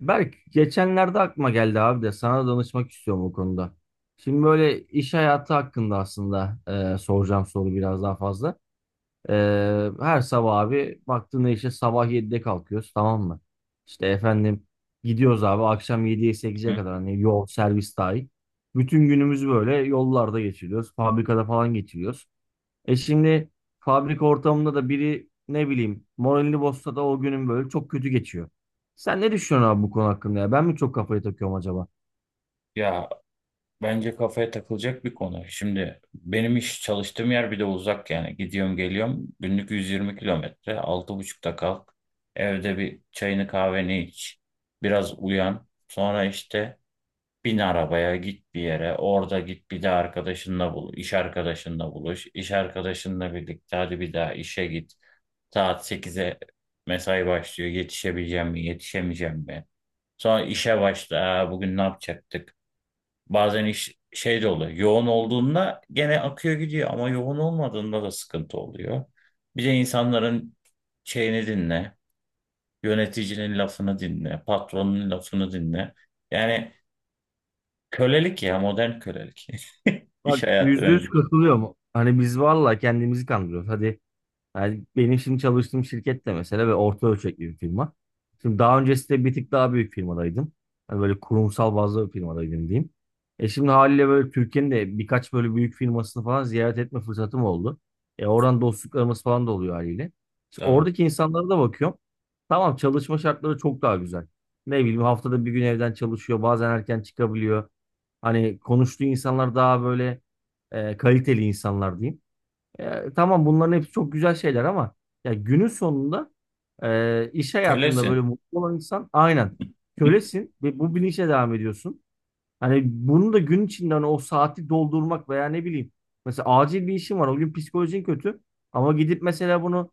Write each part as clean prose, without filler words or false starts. Berk geçenlerde aklıma geldi abi de sana da danışmak istiyorum bu konuda. Şimdi böyle iş hayatı hakkında aslında soracağım soru biraz daha fazla. E, Her sabah abi baktığında işte sabah 7'de kalkıyoruz, tamam mı? İşte efendim, gidiyoruz abi akşam 7'ye 8'e Hı? kadar, hani yol servis dahil. Bütün günümüzü böyle yollarda geçiriyoruz. Fabrikada falan geçiriyoruz. Şimdi fabrika ortamında da biri ne bileyim moralini bozsa da o günün böyle çok kötü geçiyor. Sen ne düşünüyorsun abi bu konu hakkında ya? Ben mi çok kafayı takıyorum acaba? Ya bence kafaya takılacak bir konu. Şimdi benim çalıştığım yer bir de uzak yani. Gidiyorum geliyorum günlük 120 kilometre. 6.30'da kalk. Evde bir çayını kahveni iç. Biraz uyan. Sonra işte bin arabaya git bir yere. Orada git bir de arkadaşınla buluş. İş arkadaşınla buluş. İş arkadaşınla birlikte hadi bir daha işe git. Saat 8'e mesai başlıyor. Yetişebileceğim mi yetişemeyeceğim mi? Sonra işe başla. Aa, bugün ne yapacaktık? Bazen iş şey de oluyor. Yoğun olduğunda gene akıyor gidiyor ama yoğun olmadığında da sıkıntı oluyor. Bir de insanların şeyini dinle, yöneticinin lafını dinle, patronun lafını dinle. Yani kölelik ya, modern kölelik. İş Bak, hayatı yüzde bence. yüz katılıyorum. Hani biz valla kendimizi kandırıyoruz. Hadi. Yani benim şimdi çalıştığım şirket de mesela, ve orta ölçekli bir firma. Şimdi daha öncesinde bir tık daha büyük firmadaydım. Hani böyle kurumsal bazlı bir firmadaydım diyeyim. Şimdi haliyle böyle Türkiye'nin de birkaç böyle büyük firmasını falan ziyaret etme fırsatım oldu. Oradan dostluklarımız falan da oluyor haliyle. Şimdi Tabii. oradaki insanlara da bakıyorum. Tamam, çalışma şartları çok daha güzel. Ne bileyim, haftada bir gün evden çalışıyor. Bazen erken çıkabiliyor. Hani konuştuğu insanlar daha böyle kaliteli insanlar diyeyim. Tamam, bunların hepsi çok güzel şeyler ama ya günün sonunda iş hayatında böyle Kölesin. mutlu olan insan, aynen, kölesin ve bu bilinçle devam ediyorsun. Hani bunu da gün içinde, hani o saati doldurmak veya ne bileyim, mesela acil bir işin var, o gün psikolojin kötü ama gidip mesela bunu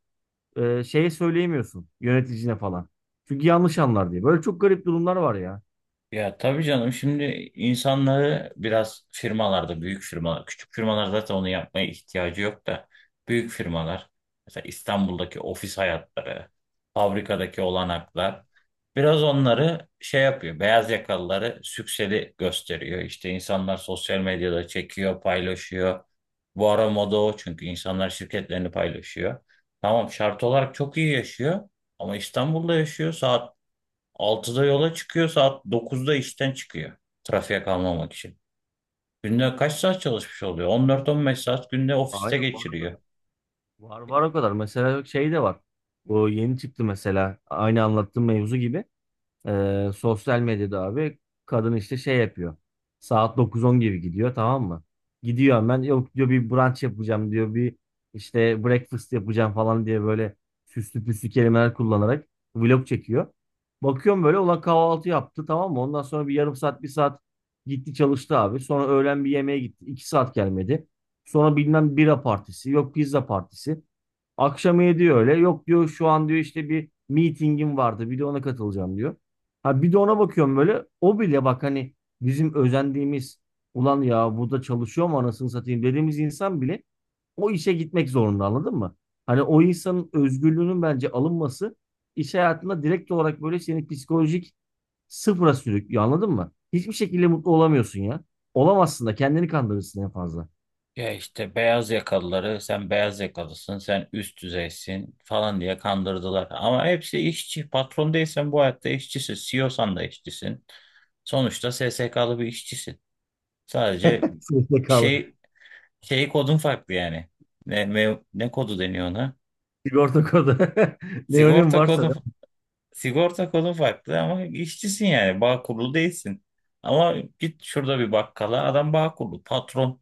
şeye söyleyemiyorsun, yöneticine falan. Çünkü yanlış anlar diye. Böyle çok garip durumlar var ya. Ya tabii canım, şimdi insanları biraz firmalarda, büyük firmalar küçük firmalar, zaten onu yapmaya ihtiyacı yok da, büyük firmalar mesela İstanbul'daki ofis hayatları, fabrikadaki olanaklar biraz onları şey yapıyor, beyaz yakalıları sükseli gösteriyor. İşte insanlar sosyal medyada çekiyor paylaşıyor, bu ara moda o, çünkü insanlar şirketlerini paylaşıyor. Tamam, şart olarak çok iyi yaşıyor ama İstanbul'da yaşıyor. Saat 6'da yola çıkıyor, saat 9'da işten çıkıyor. Trafiğe kalmamak için. Günde kaç saat çalışmış oluyor? 14-15 saat günde ofiste Aynen, var o geçiriyor. kadar. Var var o kadar. Mesela şey de var. O yeni çıktı mesela, aynı anlattığım mevzu gibi. Sosyal medyada abi kadın işte şey yapıyor. Saat 9-10 gibi gidiyor, tamam mı? Gidiyor hemen, yok diyor bir brunch yapacağım diyor, bir işte breakfast yapacağım falan diye böyle süslü püslü kelimeler kullanarak vlog çekiyor. Bakıyorum böyle, ulan kahvaltı yaptı, tamam mı? Ondan sonra bir yarım saat bir saat gitti çalıştı abi. Sonra öğlen bir yemeğe gitti. 2 saat gelmedi. Sonra bilmem bira partisi, yok pizza partisi. Akşam diyor öyle. Yok diyor, şu an diyor işte bir meetingim vardı. Bir de ona katılacağım diyor. Ha, bir de ona bakıyorum böyle. O bile bak, hani bizim özendiğimiz, ulan ya burada çalışıyor mu anasını satayım dediğimiz insan bile o işe gitmek zorunda, anladın mı? Hani o insanın özgürlüğünün bence alınması, iş hayatında direkt olarak böyle seni psikolojik sıfıra sürüklüyor, anladın mı? Hiçbir şekilde mutlu olamıyorsun ya. Olamazsın da, kendini kandırırsın en fazla. Ya işte beyaz yakalıları, sen beyaz yakalısın, sen üst düzeysin falan diye kandırdılar. Ama hepsi işçi. Patron değilsen bu hayatta işçisin. CEO'san da işçisin. Sonuçta SSK'lı bir işçisin. Sadece SSK'lı şey şey kodun farklı yani. Ne kodu deniyor ona? sigorta kodu. Ne önemi Sigorta varsa kodun da. sigorta kodun farklı ama işçisin yani. Bağ kurulu değilsin. Ama git şurada bir bakkala, adam bağ kurulu. Patron,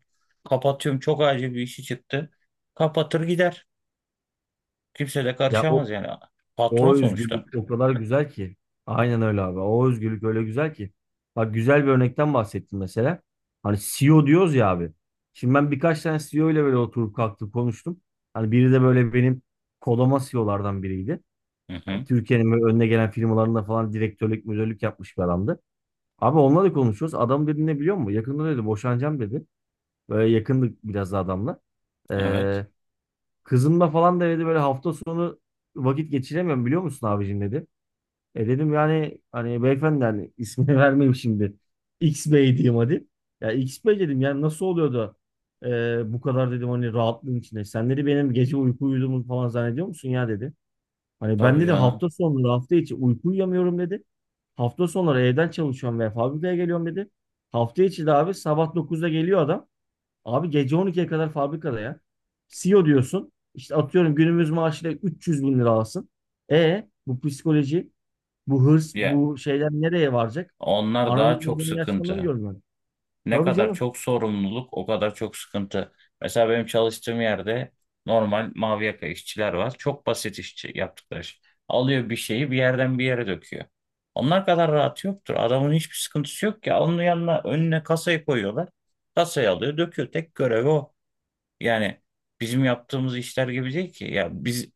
kapatıyorum çok acil bir işi çıktı. Kapatır gider. Kimse de Ya o karışamaz yani. O Patron sonuçta. özgürlük o kadar güzel ki. Aynen öyle abi. O özgürlük öyle güzel ki. Bak, güzel bir örnekten bahsettim mesela. Hani CEO diyoruz ya abi. Şimdi ben birkaç tane CEO ile böyle oturup kalktım, konuştum. Hani biri de böyle benim kolama CEO'lardan biriydi. Hı Yani hı. Türkiye'nin böyle önüne gelen firmalarında falan direktörlük, müdürlük yapmış bir adamdı. Abi onunla da konuşuyoruz. Adam dedi, ne biliyor musun? Yakında dedi boşanacağım dedi. Böyle yakındık biraz da adamla. Evet. Ee, Kızımla falan da dedi böyle hafta sonu vakit geçiremiyorum biliyor musun abicim dedi. Dedim yani hani beyefendi, hani ismini vermeyeyim şimdi. X Bey diyeyim hadi. Ya X Bey dedim, yani nasıl oluyordu? Bu kadar dedim, hani rahatlığın içinde. Sen dedi benim gece uyku uyuduğumu falan zannediyor musun ya dedi. Hani ben Tabii dedi canım. hafta sonları, hafta içi uyku uyuyamıyorum dedi. Hafta sonları evden çalışıyorum ve fabrikaya geliyorum dedi. Hafta içi de abi sabah 9'da geliyor adam. Abi gece 12'ye kadar fabrikada ya. CEO diyorsun. İşte atıyorum günümüz maaşıyla 300 bin lira alsın. Bu psikoloji, bu hırs, Ya, bu şeyler nereye varacak? onlar daha Ananın çok babanın yaşlananı sıkıntı. görmem. Ne Tabii kadar canım. çok sorumluluk, o kadar çok sıkıntı. Mesela benim çalıştığım yerde normal mavi yaka işçiler var. Çok basit işçi, yaptıkları iş. Alıyor bir şeyi bir yerden bir yere döküyor. Onlar kadar rahat yoktur. Adamın hiçbir sıkıntısı yok ki. Onun yanına, önüne kasayı koyuyorlar. Kasayı alıyor döküyor. Tek görevi o. Yani bizim yaptığımız işler gibi değil ki. Ya biz,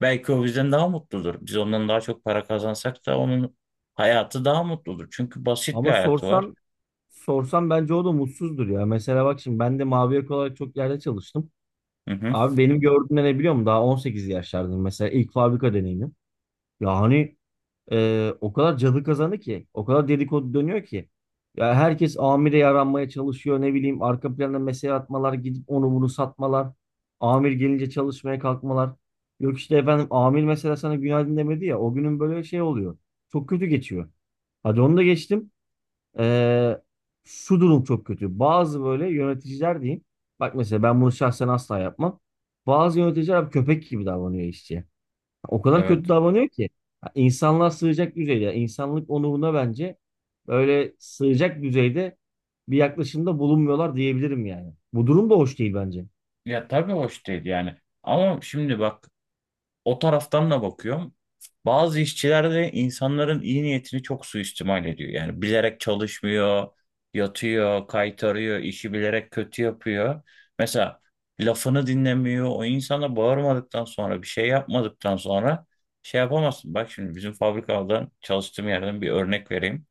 belki o bizden daha mutludur. Biz ondan daha çok para kazansak da onun hayatı daha mutludur. Çünkü basit bir Ama hayatı var. sorsan bence o da mutsuzdur ya. Mesela bak, şimdi ben de mavi yaka olarak çok yerde çalıştım. Hı hı. Abi benim gördüğümde ne biliyor musun? Daha 18 yaşlardayım mesela, ilk fabrika deneyimim. Ya hani o kadar cadı kazanı ki, o kadar dedikodu dönüyor ki. Ya herkes amire yaranmaya çalışıyor, ne bileyim arka planda mesele atmalar, gidip onu bunu satmalar. Amir gelince çalışmaya kalkmalar. Yok işte efendim, amir mesela sana günaydın demedi ya, o günün böyle şey oluyor. Çok kötü geçiyor. Hadi onu da geçtim. Ee, Şu durum çok kötü. Bazı böyle yöneticiler diyeyim. Bak, mesela ben bunu şahsen asla yapmam. Bazı yöneticiler abi köpek gibi davranıyor işçiye. O kadar kötü Evet. davranıyor ki. Ha, İnsanlığa sığacak düzeyde, insanlık onuruna bence böyle sığacak düzeyde bir yaklaşımda bulunmuyorlar diyebilirim yani. Bu durum da hoş değil bence. Ya tabii, hoş değil yani. Ama şimdi bak, o taraftan da bakıyorum. Bazı işçiler de insanların iyi niyetini çok suistimal ediyor. Yani bilerek çalışmıyor, yatıyor, kaytarıyor, işi bilerek kötü yapıyor. Mesela lafını dinlemiyor. O insana bağırmadıktan sonra, bir şey yapmadıktan sonra şey yapamazsın. Bak şimdi bizim fabrikadan, çalıştığım yerden bir örnek vereyim.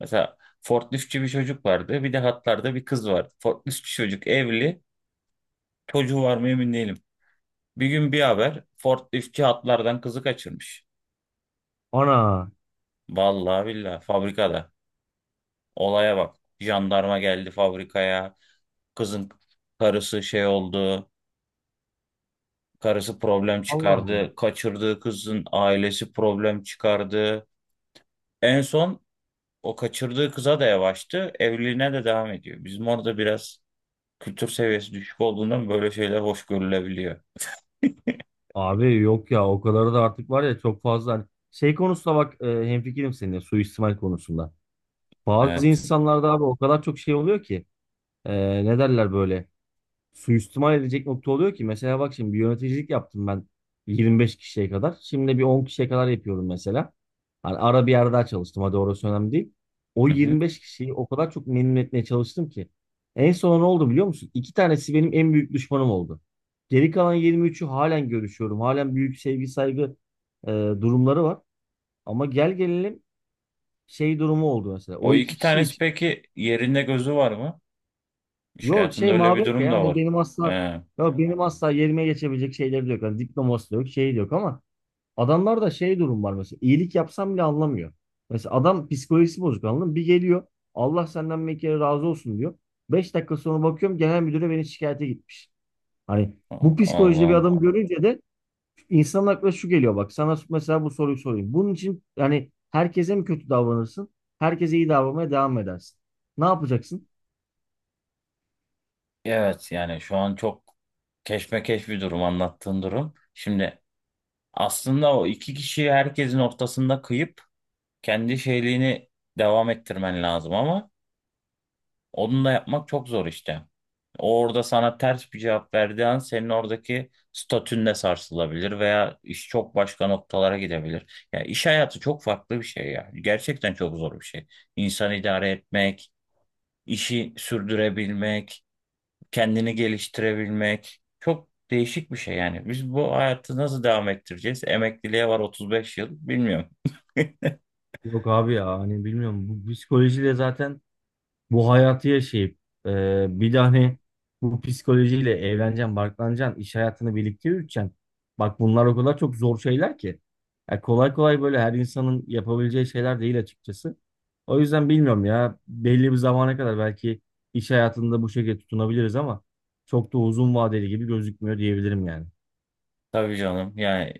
Mesela forkliftçi bir çocuk vardı. Bir de hatlarda bir kız vardı. Forkliftçi çocuk evli. Çocuğu var mı emin değilim. Bir gün bir haber, forkliftçi hatlardan kızı kaçırmış. Ana, Vallahi billahi fabrikada. Olaya bak. Jandarma geldi fabrikaya. Kızın Karısı şey oldu. Karısı problem Allah'ım. çıkardı. Kaçırdığı kızın ailesi problem çıkardı. En son o kaçırdığı kıza da yavaştı. Evliliğine de devam ediyor. Bizim orada biraz kültür seviyesi düşük olduğundan böyle şeyler hoş görülebiliyor. Abi yok ya, o kadar da artık, var ya çok fazla. Hani şey konusunda bak, hemfikirim seninle suistimal konusunda. Bazı Evet. insanlarda abi o kadar çok şey oluyor ki, ne derler böyle, suistimal edecek nokta oluyor ki. Mesela bak, şimdi bir yöneticilik yaptım ben, 25 kişiye kadar. Şimdi bir 10 kişiye kadar yapıyorum mesela. Hani ara bir yerde daha çalıştım. Hadi orası önemli değil. O Hı hı. 25 kişiyi o kadar çok memnun etmeye çalıştım ki. En son ne oldu biliyor musun? İki tanesi benim en büyük düşmanım oldu. Geri kalan 23'ü halen görüşüyorum. Halen büyük sevgi saygı durumları var. Ama gel gelelim, şey durumu oldu mesela. O O iki iki kişi tanesi için. peki, yerinde gözü var mı? İş Yok hayatında şey öyle mavi. bir Ya, durum da yani var. benim asla, He. yok benim asla yerime geçebilecek şeyleri de yok. Yani diploması da yok, şeyi de yok ama adamlar da şey, durum var mesela, iyilik yapsam bile anlamıyor. Mesela adam psikolojisi bozuk, anladın mı? Bir geliyor, Allah senden bir kere razı olsun diyor. 5 dakika sonra bakıyorum genel müdüre beni şikayete gitmiş. Hani Allah bu psikolojide bir Allah. adam görünce de insanın aklına şu geliyor. Bak, sana mesela bu soruyu sorayım. Bunun için yani herkese mi kötü davranırsın? Herkese iyi davranmaya devam mı edersin? Ne yapacaksın? Evet yani, şu an çok keşmekeş bir durum anlattığın durum. Şimdi aslında o iki kişiyi herkesin ortasında kıyıp kendi şeyliğini devam ettirmen lazım ama onu da yapmak çok zor işte. O orada sana ters bir cevap verdiği an senin oradaki statün de sarsılabilir veya iş çok başka noktalara gidebilir. Ya iş hayatı çok farklı bir şey ya. Gerçekten çok zor bir şey. İnsan idare etmek, işi sürdürebilmek, kendini geliştirebilmek çok değişik bir şey yani. Biz bu hayatı nasıl devam ettireceğiz? Emekliliğe var 35 yıl, bilmiyorum. Yok abi ya, hani bilmiyorum, bu psikolojiyle zaten bu hayatı yaşayıp, bir de hani bu psikolojiyle evleneceksin, barklanacaksın, iş hayatını birlikte yürüteceksin. Bak bunlar o kadar çok zor şeyler ki. Ya kolay kolay böyle her insanın yapabileceği şeyler değil açıkçası. O yüzden bilmiyorum ya, belli bir zamana kadar belki iş hayatında bu şekilde tutunabiliriz ama çok da uzun vadeli gibi gözükmüyor diyebilirim yani. Tabii canım yani,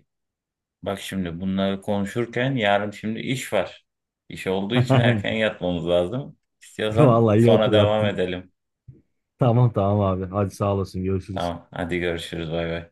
bak şimdi bunları konuşurken yarın şimdi iş var. İş olduğu için erken yatmamız lazım. İstiyorsan Vallahi iyi sonra devam hatırlattın. edelim. Tamam tamam abi, hadi sağ olasın, görüşürüz. Tamam hadi, görüşürüz, bay bay.